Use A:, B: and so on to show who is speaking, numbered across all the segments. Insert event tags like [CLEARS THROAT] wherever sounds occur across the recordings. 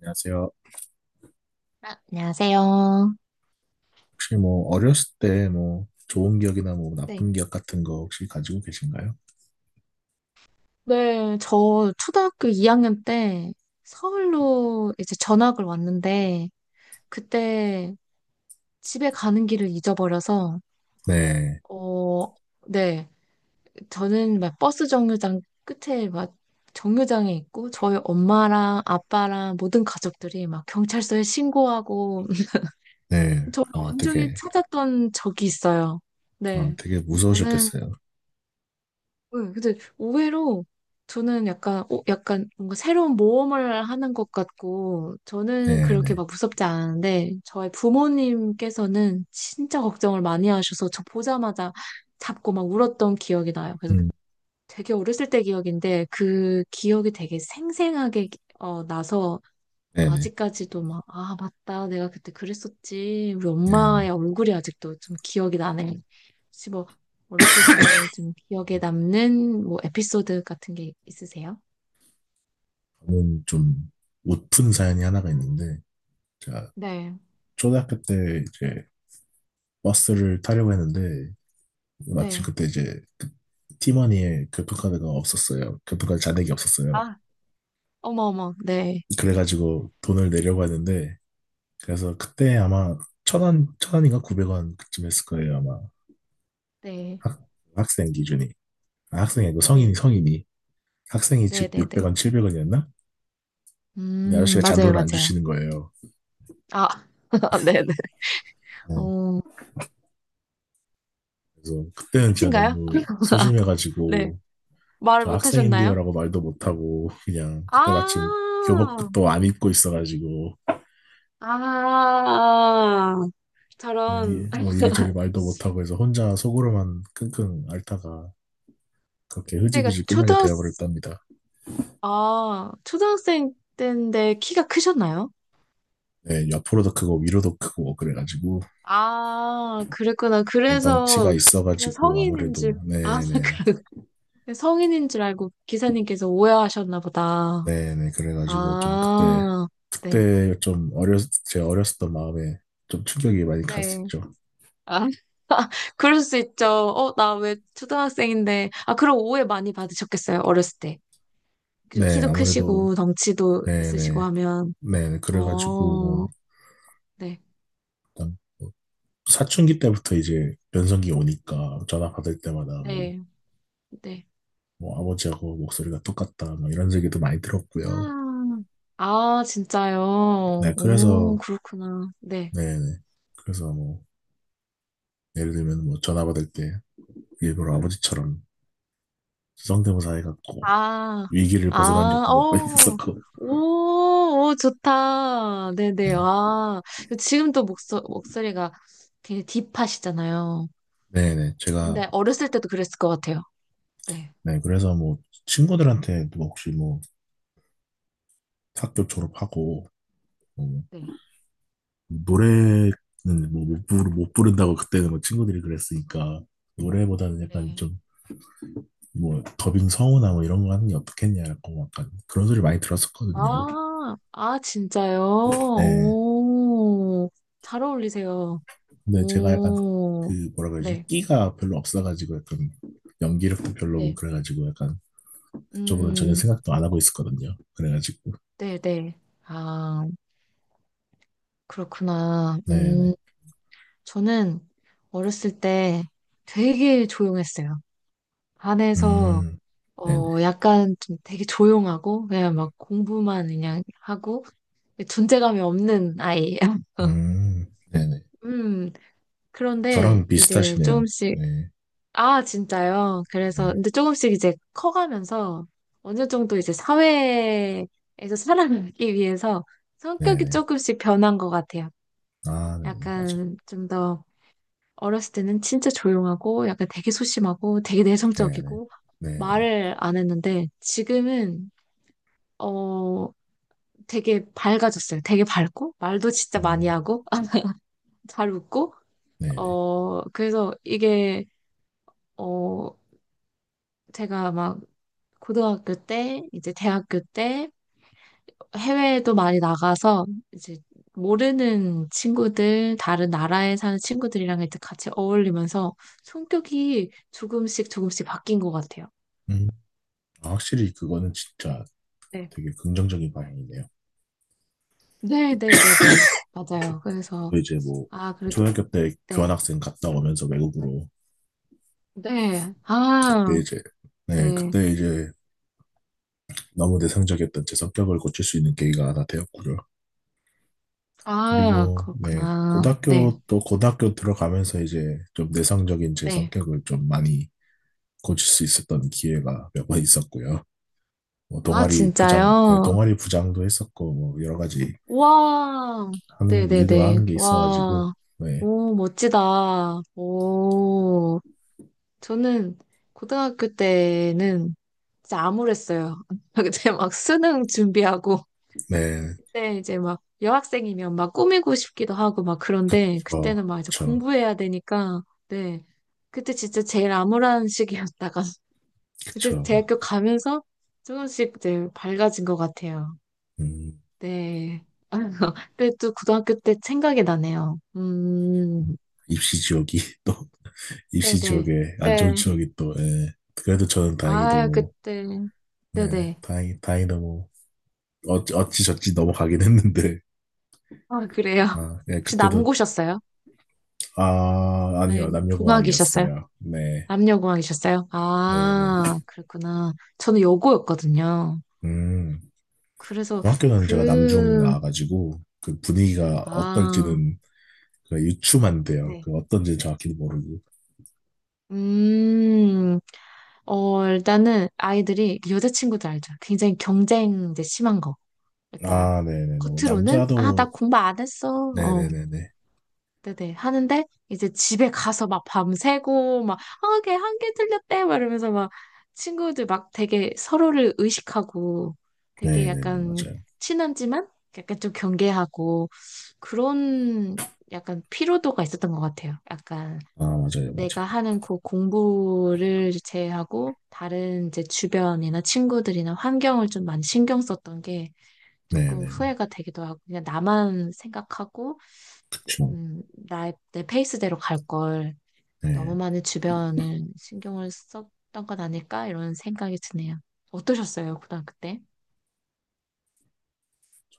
A: 안녕하세요.
B: 아, 안녕하세요.
A: 혹시 뭐 어렸을 때 뭐 좋은 기억이나 뭐
B: 네.
A: 나쁜 기억 같은 거 혹시 가지고 계신가요?
B: 네, 저 초등학교 2학년 때 서울로 이제 전학을 왔는데 그때 집에 가는 길을 잊어버려서
A: 네,
B: 어, 네. 저는 막 버스 정류장 끝에 막 정류장에 있고 저희 엄마랑 아빠랑 모든 가족들이 막 경찰서에 신고하고 [LAUGHS]
A: 네.
B: 저를
A: 와,
B: 온종일
A: 되게,
B: 찾았던 적이 있어요.
A: 아,
B: 네.
A: 되게
B: 저는
A: 무서우셨겠어요.
B: 네, 근데 의외로 저는 약간 뭔가 새로운 모험을 하는 것 같고, 저는
A: 네,
B: 그렇게
A: 네.
B: 막 무섭지 않은데, 저의 부모님께서는 진짜 걱정을 많이 하셔서 저 보자마자 잡고 막 울었던 기억이 나요. 그래서
A: 음,
B: 되게 어렸을 때 기억인데, 그 기억이 되게 생생하게 나서
A: 네, 네,
B: 아직까지도 막, 아, 맞다. 내가 그때 그랬었지. 우리
A: 네,
B: 엄마의
A: 네.
B: 얼굴이 아직도 좀 기억이 나네. 혹시 뭐, 어렸을 때 좀 기억에
A: 음,
B: 남는 뭐 에피소드 같은 게 있으세요?
A: 저는 좀 웃픈 사연이 하나가 있는데, 제가
B: 네,
A: 초등학교 때 이제 버스를 타려고 했는데 마침
B: 네.
A: 그때 이제 그 티머니에 교통카드가 없었어요. 교통카드 잔액이 없었어요.
B: 아, 어머, 어머. 네,
A: 그래가지고 돈을 내려고 하는데, 그래서 그때 아마 1,000원, 1,000원인가 900원 그쯤 했을 거예요, 아마.
B: 네,
A: 학, 학생 기준이. 아, 학생이 아니고
B: 네,
A: 성인이. 학생이
B: 네,
A: 즉
B: 네, 네.
A: 600원, 700원이었나? 근데 아저씨가
B: 맞아요,
A: 잔돈을 안
B: 맞아요.
A: 주시는 거예요.
B: 아, [LAUGHS] 네, 네.
A: 네.
B: 어,
A: 그래서 그때는 제가
B: 끝인가요?
A: 너무
B: 네.
A: 소심해가지고,
B: 말을
A: 저
B: 못 하셨나요?
A: 학생인데요라고 말도 못하고, 그냥 그때 마침
B: 아,
A: 교복도 안 입고 있어가지고,
B: 아,
A: 예,
B: 저런.
A: 뭐 이리저리
B: [LAUGHS]
A: 말도 못하고 해서 혼자 속으로만 끙끙 앓다가 그렇게
B: 그때가
A: 흐지부지 끝나게
B: 초등학,
A: 되어버렸답니다.
B: 아, 초등학생 때인데 키가 크셨나요?
A: 네, 옆으로도 크고 위로도 크고 뭐 그래가지고.
B: 아, 그랬구나.
A: 덩치가
B: 그래서 그냥
A: 있어가지고
B: 성인인
A: 아무래도.
B: 줄, 아,
A: 네네,
B: [LAUGHS] 그래. 성인인 줄 알고 기사님께서 오해하셨나 보다.
A: 네네. 그래가지고 좀 그때,
B: 아, 네.
A: 그때 좀 어렸 제 어렸었던 마음에 좀 충격이 많이
B: 네.
A: 갔었죠.
B: 아, [LAUGHS] 그럴 수 있죠. 어, 나 왜 초등학생인데. 아, 그럼 오해 많이 받으셨겠어요, 어렸을 때. 그리고
A: 네,
B: 키도
A: 아무래도.
B: 크시고, 덩치도 있으시고
A: 네네.
B: 하면.
A: 네, 그래가지고
B: 어,
A: 뭐
B: 네.
A: 일단 뭐 사춘기 때부터 이제 변성기 오니까 전화 받을 때마다 뭐,
B: 네. 네.
A: 뭐 아버지하고 목소리가 똑같다 뭐 이런 얘기도 많이 들었고요.
B: 음. 아, 진짜요?
A: 네,
B: 오,
A: 그래서.
B: 그렇구나. 네.
A: 네네. 그래서 뭐 예를 들면 뭐 전화 받을 때 일부러 아버지처럼 성대모사 해갖고
B: 아,
A: 위기를
B: 아,
A: 벗어난 적도 몇 번 [LAUGHS]
B: 어.
A: 있었고.
B: 오, 오, 좋다. 네네.
A: 네.
B: 아, 그 지금 또 목소리가 되게 딥하시잖아요.
A: 네네. 제가,
B: 근데 어렸을 때도 그랬을 것 같아요. 네,
A: 네. 그래서 뭐, 친구들한테 뭐 혹시 뭐, 학교 졸업하고, 뭐
B: 네,
A: 노래는 뭐, 못 부른다고 그때는 뭐 친구들이 그랬으니까, 노래보다는 약간
B: 네.
A: 좀, 뭐, 더빙 성우나 뭐 이런 거 하는 게 어떻겠냐고 약간 그런 소리 많이 들었었거든요.
B: 아, 아, 진짜요?
A: 네.
B: 오, 잘 어울리세요.
A: 근데 제가 약간
B: 오,
A: 그 뭐라 그러지?
B: 네,
A: 끼가 별로 없어가지고, 약간 연기력도 별로고
B: 네.
A: 그래가지고 약간 그쪽으로는 전혀
B: 음,
A: 생각도 안 하고 있었거든요. 그래가지고.
B: 네, 네. 아. 그렇구나.
A: 네네.
B: 저는 어렸을 때 되게 조용했어요. 반에서,
A: 음, 네네.
B: 약간 좀 되게 조용하고, 그냥 막 공부만 그냥 하고, 존재감이 없는 아이. [LAUGHS]
A: 네네.
B: 음, 그런데
A: 저랑
B: 이제
A: 비슷하시네요.
B: 조금씩,
A: 네,
B: 아, 진짜요? 그래서,
A: 네네.
B: 근데 조금씩 이제 커가면서 어느 정도 이제 사회에서 살아가기 위해서
A: 네,
B: 성격이
A: 네네.
B: 조금씩 변한 것 같아요.
A: 아, 네네. 맞아요.
B: 약간 좀 더, 어렸을 때는 진짜 조용하고 약간 되게 소심하고 되게
A: 네네.
B: 내성적이고
A: 네네.
B: 말을 안 했는데 지금은 어 되게 밝아졌어요. 되게 밝고 말도 진짜 많이
A: 음,
B: 하고 [LAUGHS] 잘 웃고
A: 네네.
B: 그래서 이게 어 제가 막 고등학교 때 이제 대학교 때 해외에도 많이 나가서 이제 모르는 친구들 다른 나라에 사는 친구들이랑 이제 같이 어울리면서 성격이 조금씩 조금씩 바뀐 것 같아요.
A: 음, 아, 확실히 그거는 진짜
B: 네.
A: 되게 긍정적인 방향이네요.
B: 네, 네, 네, 네. 맞아요. 그래서,
A: 저도 이제 뭐,
B: 아, 그래도,
A: 초등학교 때
B: 네.
A: 교환학생 갔다 오면서 외국으로,
B: 네. 아,
A: 그때 이제, 네,
B: 네.
A: 그때 이제 너무 내성적이었던 제 성격을 고칠 수 있는 계기가 하나 되었고요.
B: 아,
A: 그리고, 네,
B: 그렇구나. 네,
A: 고등학교 들어가면서 이제 좀 내성적인 제
B: 네.
A: 성격을 좀 많이 고칠 수 있었던 기회가 몇 번 있었고요. 뭐
B: 아,
A: 동아리 부장, 예,
B: 진짜요?
A: 동아리 부장도 했었고, 뭐 여러 가지
B: 와. 네, 네, 네.
A: 하는 게 있어가지고,
B: 와.
A: 네,
B: 오, 멋지다. 오. 저는 고등학교 때는 진짜 암울했어요. [LAUGHS] 그때 막 수능 준비하고
A: 네,
B: 그때 이제 막 여학생이면 막 꾸미고 싶기도 하고 막 그런데
A: 저,
B: 그때는 막 이제
A: 저,
B: 공부해야 되니까 네. 그때 진짜 제일 암울한 시기였다가 [LAUGHS] 이제
A: 그쵸, 막,
B: 대학교 가면서 조금씩 이제 밝아진 것 같아요.
A: 음,
B: 네. [LAUGHS] 근데 또 고등학교 때 생각이 나네요. 음.
A: 입시 지옥이 [LAUGHS] 또, 입시
B: 네네.
A: 지옥에 안 좋은
B: 네.
A: 지옥이 또, 예. 그래도 저는 다행히
B: 아,
A: 너무,
B: 그때.
A: 네,
B: 네네.
A: 다행히 너무, 어찌저찌 넘어가긴 했는데,
B: 아, 그래요. [LAUGHS]
A: 아, 예,
B: 혹시
A: 그때도,
B: 남고셨어요?
A: 아,
B: 아니,
A: 아니요,
B: 공학이셨어요?
A: 남녀공학이었어요. 네,
B: 남녀공학이셨어요?
A: 네, 네.
B: 아, 그랬구나. 저는 여고였거든요.
A: 음.
B: 그래서
A: 중학교는 제가 남중
B: 그,
A: 나와가지고 그 분위기가
B: 아,
A: 어떨지는 그 유추만돼요.
B: 네.
A: 그 어떤지 정확히도 모르고.
B: 음, 어, 일단은 아이들이 여자친구들 알죠? 굉장히 경쟁 이제 심한 거. 그러니까
A: 아, 네네. 너무
B: 겉으로는, 아, 나
A: 남자도.
B: 공부 안 했어. 어,
A: 네네네네.
B: 네네. 하는데 이제 집에 가서 막 밤새고 막 아, 걔 한 개 틀렸대 막 이러면서 막 친구들 막 되게 서로를 의식하고 되게
A: 네네네,
B: 약간
A: 맞아요.
B: 친하지만 약간 좀 경계하고 그런 약간 피로도가 있었던 것 같아요. 약간
A: 아, 맞아요,
B: 내가
A: 맞아요.
B: 하는 그 공부를 제외하고 다른 이제 주변이나 친구들이나 환경을 좀 많이 신경 썼던 게 조금
A: 네네네.
B: 후회가 되기도 하고 그냥 나만 생각하고 내-
A: 그쵸.
B: 음, 내 페이스대로 갈 걸 너무
A: 네.
B: 많은 주변을 신경을 썼던 건 아닐까? 이런 생각이 드네요. 어떠셨어요, 고등학교 때?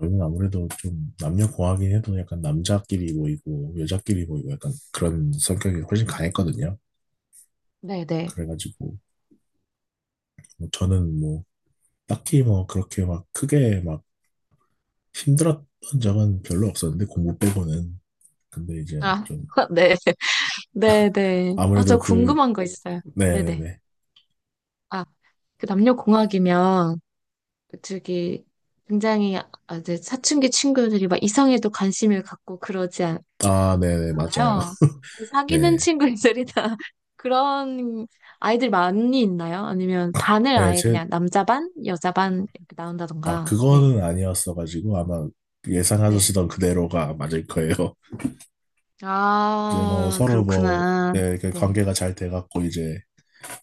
A: 저희는 아무래도 좀 남녀 공학이 해도 약간 남자끼리 모이고 여자끼리 모이고 약간 그런 성격이 훨씬 강했거든요.
B: 네네.
A: 그래가지고 뭐 저는 뭐 딱히 뭐 그렇게 막 크게 막 힘들었던 적은 별로 없었는데, 공부 빼고는. 근데 이제
B: 아,
A: 좀
B: [LAUGHS] 네. 네네. 아, 저
A: 아무래도 그.
B: 궁금한 거 있어요. 네네.
A: 네네네.
B: 아, 그 남녀공학이면, 저기, 굉장히, 아, 이제 사춘기 친구들이 막 이성에도 관심을 갖고 그러지
A: 아, 네네,
B: 있
A: 맞아요.
B: 아요
A: [LAUGHS]
B: 사귀는 친구들이나 [LAUGHS] 그런 아이들 많이 있나요? 아니면 반을 아예
A: 네네제아,
B: 그냥 남자 반, 여자 반 이렇게 나온다던가. 네.
A: 그거는 아니었어가지고 아마
B: 네.
A: 예상하시던 그대로가 맞을 거예요. [LAUGHS] 이제 뭐
B: 아,
A: 서로 뭐,
B: 그렇구나.
A: 네, 그
B: 네.
A: 관계가 잘 돼갖고 이제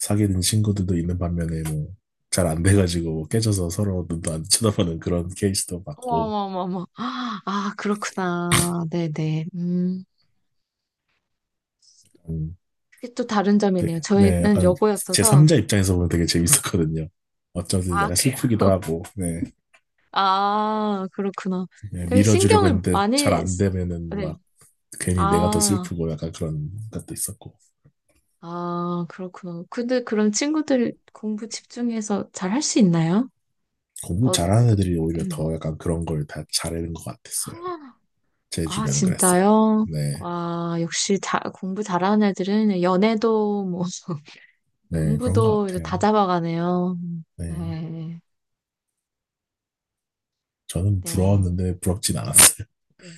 A: 사귀는 친구들도 있는 반면에 뭐 잘 안 돼가지고 뭐 깨져서 서로 눈도 안 [LAUGHS] 쳐다보는 그런 케이스도 봤고.
B: 어머머머머. 아, 그렇구나. 네네. 음.
A: 음,
B: 그게 또 다른 점이네요.
A: 네, 네,
B: 저희는
A: 약간
B: 여고였어서.
A: 제3자 입장에서 보면 되게 재밌었거든요. 어쩌든
B: 아,
A: 약간
B: 그래요?
A: 슬프기도 하고. 네,
B: 아, 그렇구나.
A: 네,
B: 되게
A: 밀어주려고
B: 신경을
A: 했는데 잘
B: 많이,
A: 안
B: 쓰-
A: 되면은 막
B: 네.
A: 괜히 내가 더
B: 아.
A: 슬프고 약간 그런 것도 있었고.
B: 아, 그렇구나. 근데 그럼 친구들 공부 집중해서 잘 할 수 있나요?
A: 공부 잘하는
B: 어떻게,
A: 애들이 오히려 더 약간 그런 걸 다 잘하는 것 같았어요.
B: 아,
A: 제
B: 아,
A: 주변은 그랬어요.
B: 진짜요?
A: 네,
B: 와, 역시 자, 공부 잘하는 애들은 연애도 뭐, [LAUGHS]
A: 네, 그런 것
B: 공부도 이제 다
A: 같아요.
B: 잡아가네요.
A: 네,
B: 네,
A: 저는
B: 네.
A: 부러웠는데 부럽진 않았어요. [LAUGHS]
B: 네.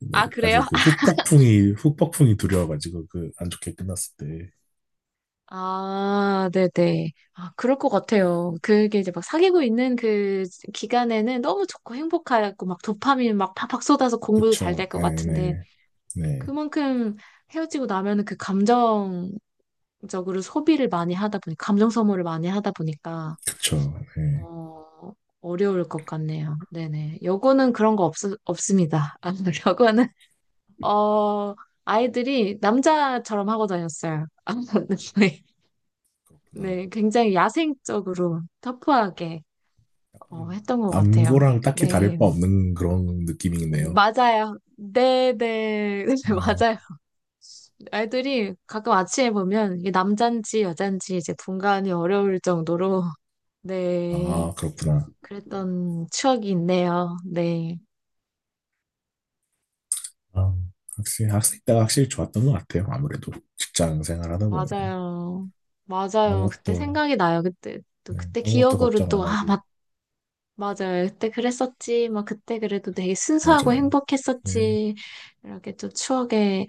A: 네,
B: 아, 그래요?
A: 나중에 그
B: [LAUGHS]
A: 후폭풍이 두려워가지고, 그 안 좋게 끝났을 때.
B: 아, 네네. 아, 그럴 것 같아요. 그게 이제 막 사귀고 있는 그 기간에는 너무 좋고 행복하고 막 도파민 막 팍팍 쏟아서 공부도 잘
A: 그쵸,
B: 될 것
A: 네,
B: 같은데.
A: 네, 네,
B: 그만큼 헤어지고 나면은 그 감정적으로 소비를 많이 하다 보니, 감정 소모를 많이 하다 보니까,
A: 그쵸, 네,
B: 어, 어려울 것 같네요. 네네. 여고는 그런 거 없, 없습니다. 아, [LAUGHS] 여고는, 어, 아이들이 남자처럼 하고 다녔어요. 아, [LAUGHS] 네,
A: 그렇구나.
B: 네, 굉장히 야생적으로 터프하게
A: 약간
B: 했던 것 같아요.
A: 남고랑 딱히 다를
B: 네,
A: 바 없는 그런 느낌이네요.
B: 맞아요. 네네, [LAUGHS]
A: 어,
B: 맞아요. 애들이 가끔 아침에 보면 이게 남잔지 여잔지 이제 분간이 어려울 정도로 [LAUGHS] 네
A: 아, 그렇구나.
B: 그랬던 추억이 있네요. 네
A: 아, 확실히 학생 때가 확실히 좋았던 것 같아요. 아무래도 직장 생활하다 보면
B: 맞아요 맞아요 그때
A: 아무것도,
B: 생각이 나요 그때 또
A: 네,
B: 그때
A: 아무것도
B: 기억으로
A: 걱정
B: 또
A: 안
B: 아
A: 하고.
B: 맞 맞아요 그때 그랬었지 막 그때 그래도 되게 순수하고
A: 맞아요. 네,
B: 행복했었지 이렇게 또 추억에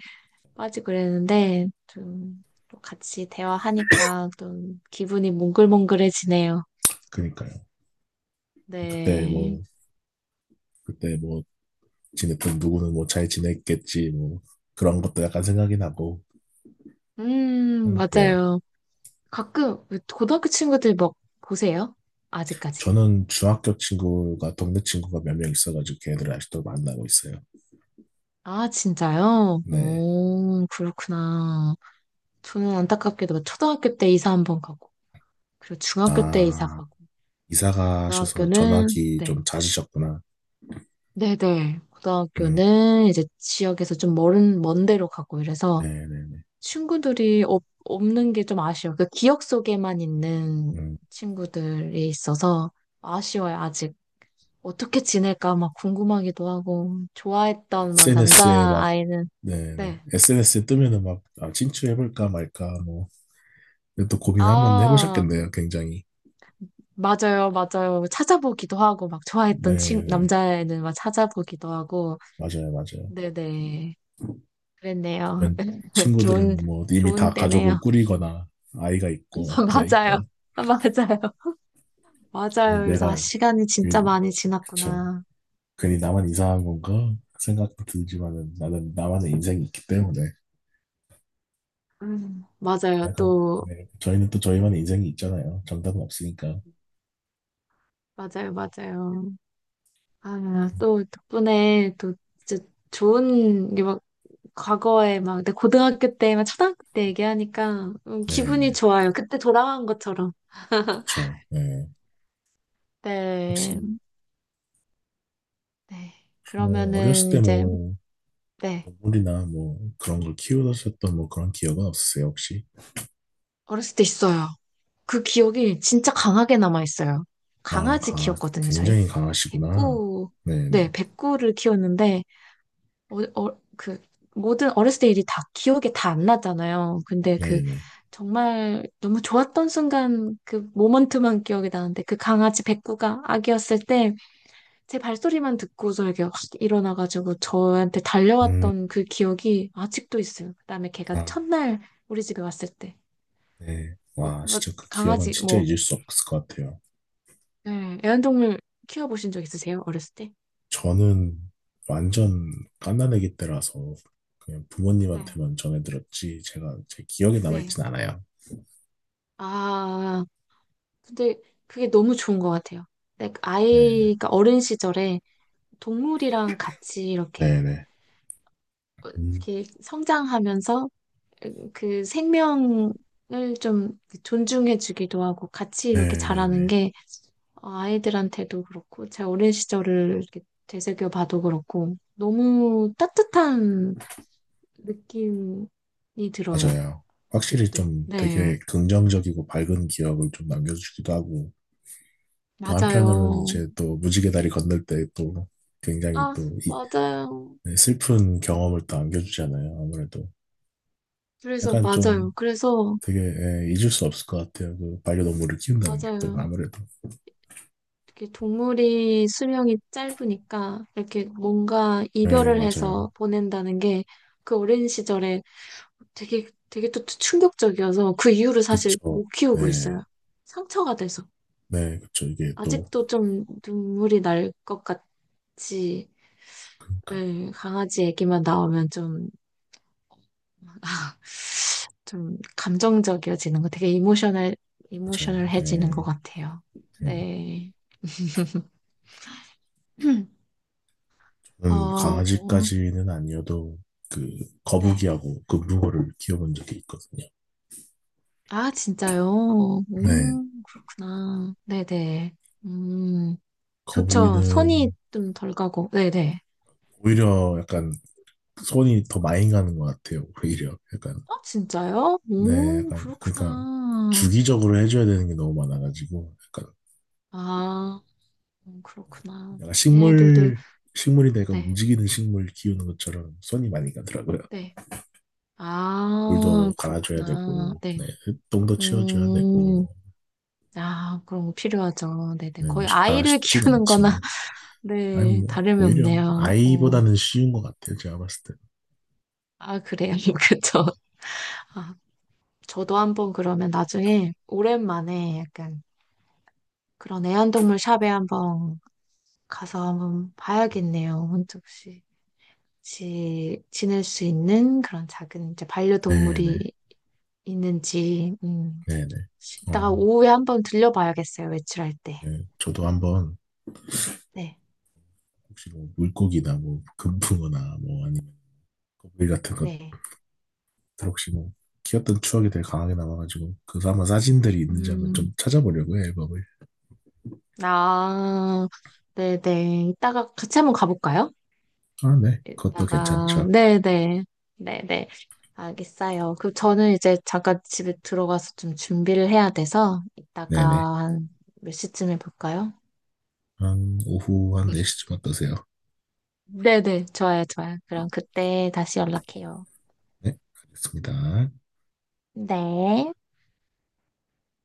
B: 빠지고 그랬는데 좀 또 같이 대화하니까 좀 기분이 몽글몽글해지네요.
A: 그니까요. 그때
B: 네.
A: 뭐 그때 뭐 지냈던 누구는 뭐 잘 지냈겠지 뭐 그런 것도 약간 생각이 나고. 그래요.
B: 맞아요. 가끔 고등학교 친구들 막 보세요? 아직까지.
A: 저는 중학교 친구가 동네 친구가 몇 명 있어가지고 걔들을 아직도 만나고 있어요.
B: 아, 진짜요?
A: 네.
B: 오, 그렇구나. 저는 안타깝게도 막 초등학교 때 이사 한번 가고, 그리고 중학교 때 이사
A: 아,
B: 가고,
A: 이사 가셔서
B: 고등학교는,
A: 전화기
B: 네.
A: 좀 잦으셨구나.
B: 네네.
A: 음,
B: 고등학교는 이제 지역에서 좀 먼 데로 가고 이래서
A: 네네네.
B: 없는 게 좀 아쉬워요. 그 기억 속에만 있는
A: 음.
B: 친구들이 있어서 아쉬워요, 어떻게 지낼까 막 궁금하기도 하고 좋아했던 막
A: SNS에 막,
B: 남자아이는
A: 네네.
B: 네.
A: SNS에 뜨면은 막, 아, 출해볼까 말까, 뭐. 근데 또 고민 한번
B: 아,
A: 해보셨겠네요, 굉장히.
B: 맞아요. 맞아요. 찾아보기도 하고 막 좋아했던 친
A: 네네.
B: 남자애는 막 찾아보기도 하고
A: 맞아요, 맞아요.
B: 네네. 그랬네요.
A: 주변
B: [LAUGHS] 좋은
A: 친구들은 뭐, 이미 다
B: 좋은
A: 가족을
B: 때네요.
A: 꾸리거나, 아이가
B: [LAUGHS]
A: 있고, 막 그러니까.
B: 맞아요. [LAUGHS] 맞아요.
A: 괜히
B: 맞아요. 그래서 아,
A: 내가,
B: 시간이 진짜
A: 괜히,
B: 많이
A: 그쵸.
B: 지났구나.
A: 괜히 나만 이상한 건가? 생각도 들지만은, 나는 나만의 인생이 있기 때문에.
B: 맞아요.
A: 약간,
B: 또
A: 네. 저희는 또 저희만의 인생이 있잖아요. 정답은 없으니까.
B: 맞아요. 맞아요. 아, 또 덕분에 또 진짜 좋은 과거에 막 내 고등학교 때, 막 초등학교 때 얘기하니까 기분이
A: 네네.
B: 좋아요. 그때 돌아간 것처럼.
A: 그쵸. 네.
B: 네.
A: 혹시,
B: 네.
A: 뭐, 어렸을
B: 그러면은
A: 때
B: 이제,
A: 뭐,
B: 네.
A: 동물이나 뭐 그런 걸 키우셨던 뭐 그런 기억은 없으세요, 혹시?
B: 어렸을 때 있어요. 그 기억이 진짜 강하게 남아있어요.
A: 아,
B: 강아지
A: 강아,
B: 키웠거든요, 저희.
A: 굉장히 강하시구나.
B: 백구, 네,
A: 네네,
B: 백구를 키웠는데, 어, 어, 그, 모든 어렸을 때 일이 다 기억에 다 안 나잖아요. 근데 그,
A: 네네.
B: 정말 너무 좋았던 순간 그 모먼트만 기억이 나는데, 그 강아지 백구가 아기였을 때, 제 발소리만 듣고서 이렇게 확 일어나가지고 저한테
A: 음,
B: 달려왔던 그 기억이 아직도 있어요. 그다음에 걔가
A: 아,
B: 첫날 우리 집에 왔을 때.
A: 네.
B: 어,
A: 와,
B: 어,
A: 진짜 그 기억은
B: 강아지,
A: 진짜
B: 뭐,
A: 잊을 수 없을 것 같아요.
B: 네, 애완동물 키워보신 적 있으세요? 어렸을 때?
A: 저는 완전 갓난아기 때라서 그냥
B: 네.
A: 부모님한테만 전해들었지, 제가 제 기억에
B: 네.
A: 남아있진 않아요.
B: 아, 근데 그게 너무 좋은 것 같아요. 네,
A: 네네,
B: 아이가 어린 시절에 동물이랑 같이 이렇게,
A: 네네. 음,
B: 이렇게 성장하면서 그 생명을 좀 존중해주기도 하고 같이 이렇게 자라는
A: 네네네.
B: 게 아이들한테도 그렇고, 제 어린 시절을 이렇게 되새겨 봐도 그렇고, 너무 따뜻한 느낌이 들어요.
A: 맞아요. 확실히
B: 아직도.
A: 좀
B: 네.
A: 되게 긍정적이고 밝은 기억을 좀 남겨주기도 하고, 또 한편으로는
B: 맞아요.
A: 이제 또 무지개 다리 건널 때 또 굉장히
B: 아,
A: 또 이-
B: 맞아요.
A: 네, 슬픈 경험을 또 안겨주잖아요. 아무래도.
B: 그래서,
A: 약간 좀
B: 맞아요. 그래서,
A: 되게, 예, 잊을 수 없을 것 같아요. 그 반려동물을 키운다는 게 또
B: 맞아요.
A: 아무래도.
B: 이렇게 동물이 수명이 짧으니까, 이렇게 뭔가
A: 네,
B: 이별을
A: 맞아요.
B: 해서 보낸다는 게, 그 어린 시절에 되게 또 충격적이어서, 그 이후로 사실
A: 그쵸.
B: 못 키우고
A: 네,
B: 있어요. 상처가 돼서.
A: 네, 그쵸. 이게 또
B: 아직도 좀 눈물이 날 것 같지.
A: 그러니까.
B: 예, 강아지 얘기만 나오면 좀, [LAUGHS] 좀 감정적이어지는 거 되게 이모셔널,
A: 맞아요.
B: 이모셔널해지는 것
A: 예,
B: 같아요.
A: 예.
B: 네. [CLEARS THROAT]
A: 저는
B: 어,
A: 강아지까지는 아니어도 그
B: 네.
A: 거북이하고 그붕어를 키워본 적이 있거든요.
B: 아, 진짜요?
A: 네,
B: 그렇구나. 네네. 음, 좋죠. 손이
A: 거북이는
B: 좀 덜 가고. 네네.
A: 오히려 약간 손이 더 많이 가는 것 같아요, 오히려. 약간,
B: 어, 진짜요?
A: 네, 약간, 그러니까,
B: 그렇구나.
A: 주기적으로 해줘야 되는 게 너무 많아가지고, 약간,
B: 아, 그렇구나.
A: 약간
B: 애들도,
A: 식물, 식물이 내가
B: 네.
A: 움직이는 식물 키우는 것처럼 손이 많이 가더라고요.
B: 네. 아,
A: 물도 갈아줘야
B: 그렇구나.
A: 되고,
B: 네.
A: 네, 똥도 치워줘야 되고,
B: 음,
A: 뭐,
B: 아, 그런 거 필요하죠. 네네.
A: 네, 뭐,
B: 거의
A: 시- 다
B: 아이를
A: 쉽진
B: 키우는 거나,
A: 않지만,
B: [LAUGHS]
A: 아니,
B: 네,
A: 뭐,
B: 다름이
A: 오히려
B: 없네요.
A: 아이보다는 쉬운 것 같아요, 제가 봤을 때.
B: 아, 그래요. [LAUGHS] 그쵸. 아, 저도 한번 그러면 나중에 오랜만에 약간 그런 애완동물 샵에 한번 가서 한번 봐야겠네요. 혼자 혹 지낼 수 있는 그런 작은 이제
A: 네네,
B: 반려동물이 있는지,
A: 네네.
B: 이따가
A: 어,
B: 오후에 한번 들려봐야겠어요. 외출할 때.
A: 네. 저도 한번
B: 네,
A: 혹시 뭐 물고기나 뭐 금붕어나 뭐, 아니 거북이 같은 것들
B: 네.
A: 혹시 뭐 귀엽던 추억이 되게 강하게 남아가지고, 그래서 아마 사진들이 있는지 한번 좀
B: 음,
A: 찾아보려고요, 앨범을.
B: 아, 네네. 이따가 같이 한번 가볼까요?
A: 아, 네, 그것도
B: 이따가,
A: 괜찮죠.
B: 네네. 네네. 알겠어요. 그 저는 이제 잠깐 집에 들어가서 좀 준비를 해야 돼서 이따가
A: 네네.
B: 한 몇 시쯤에 볼까요?
A: 한 오후 한
B: [LAUGHS]
A: 4시쯤 어떠세요?
B: 네네. 좋아요, 좋아요. 그럼 그때 다시 연락해요.
A: 네, 알겠습니다.
B: 네.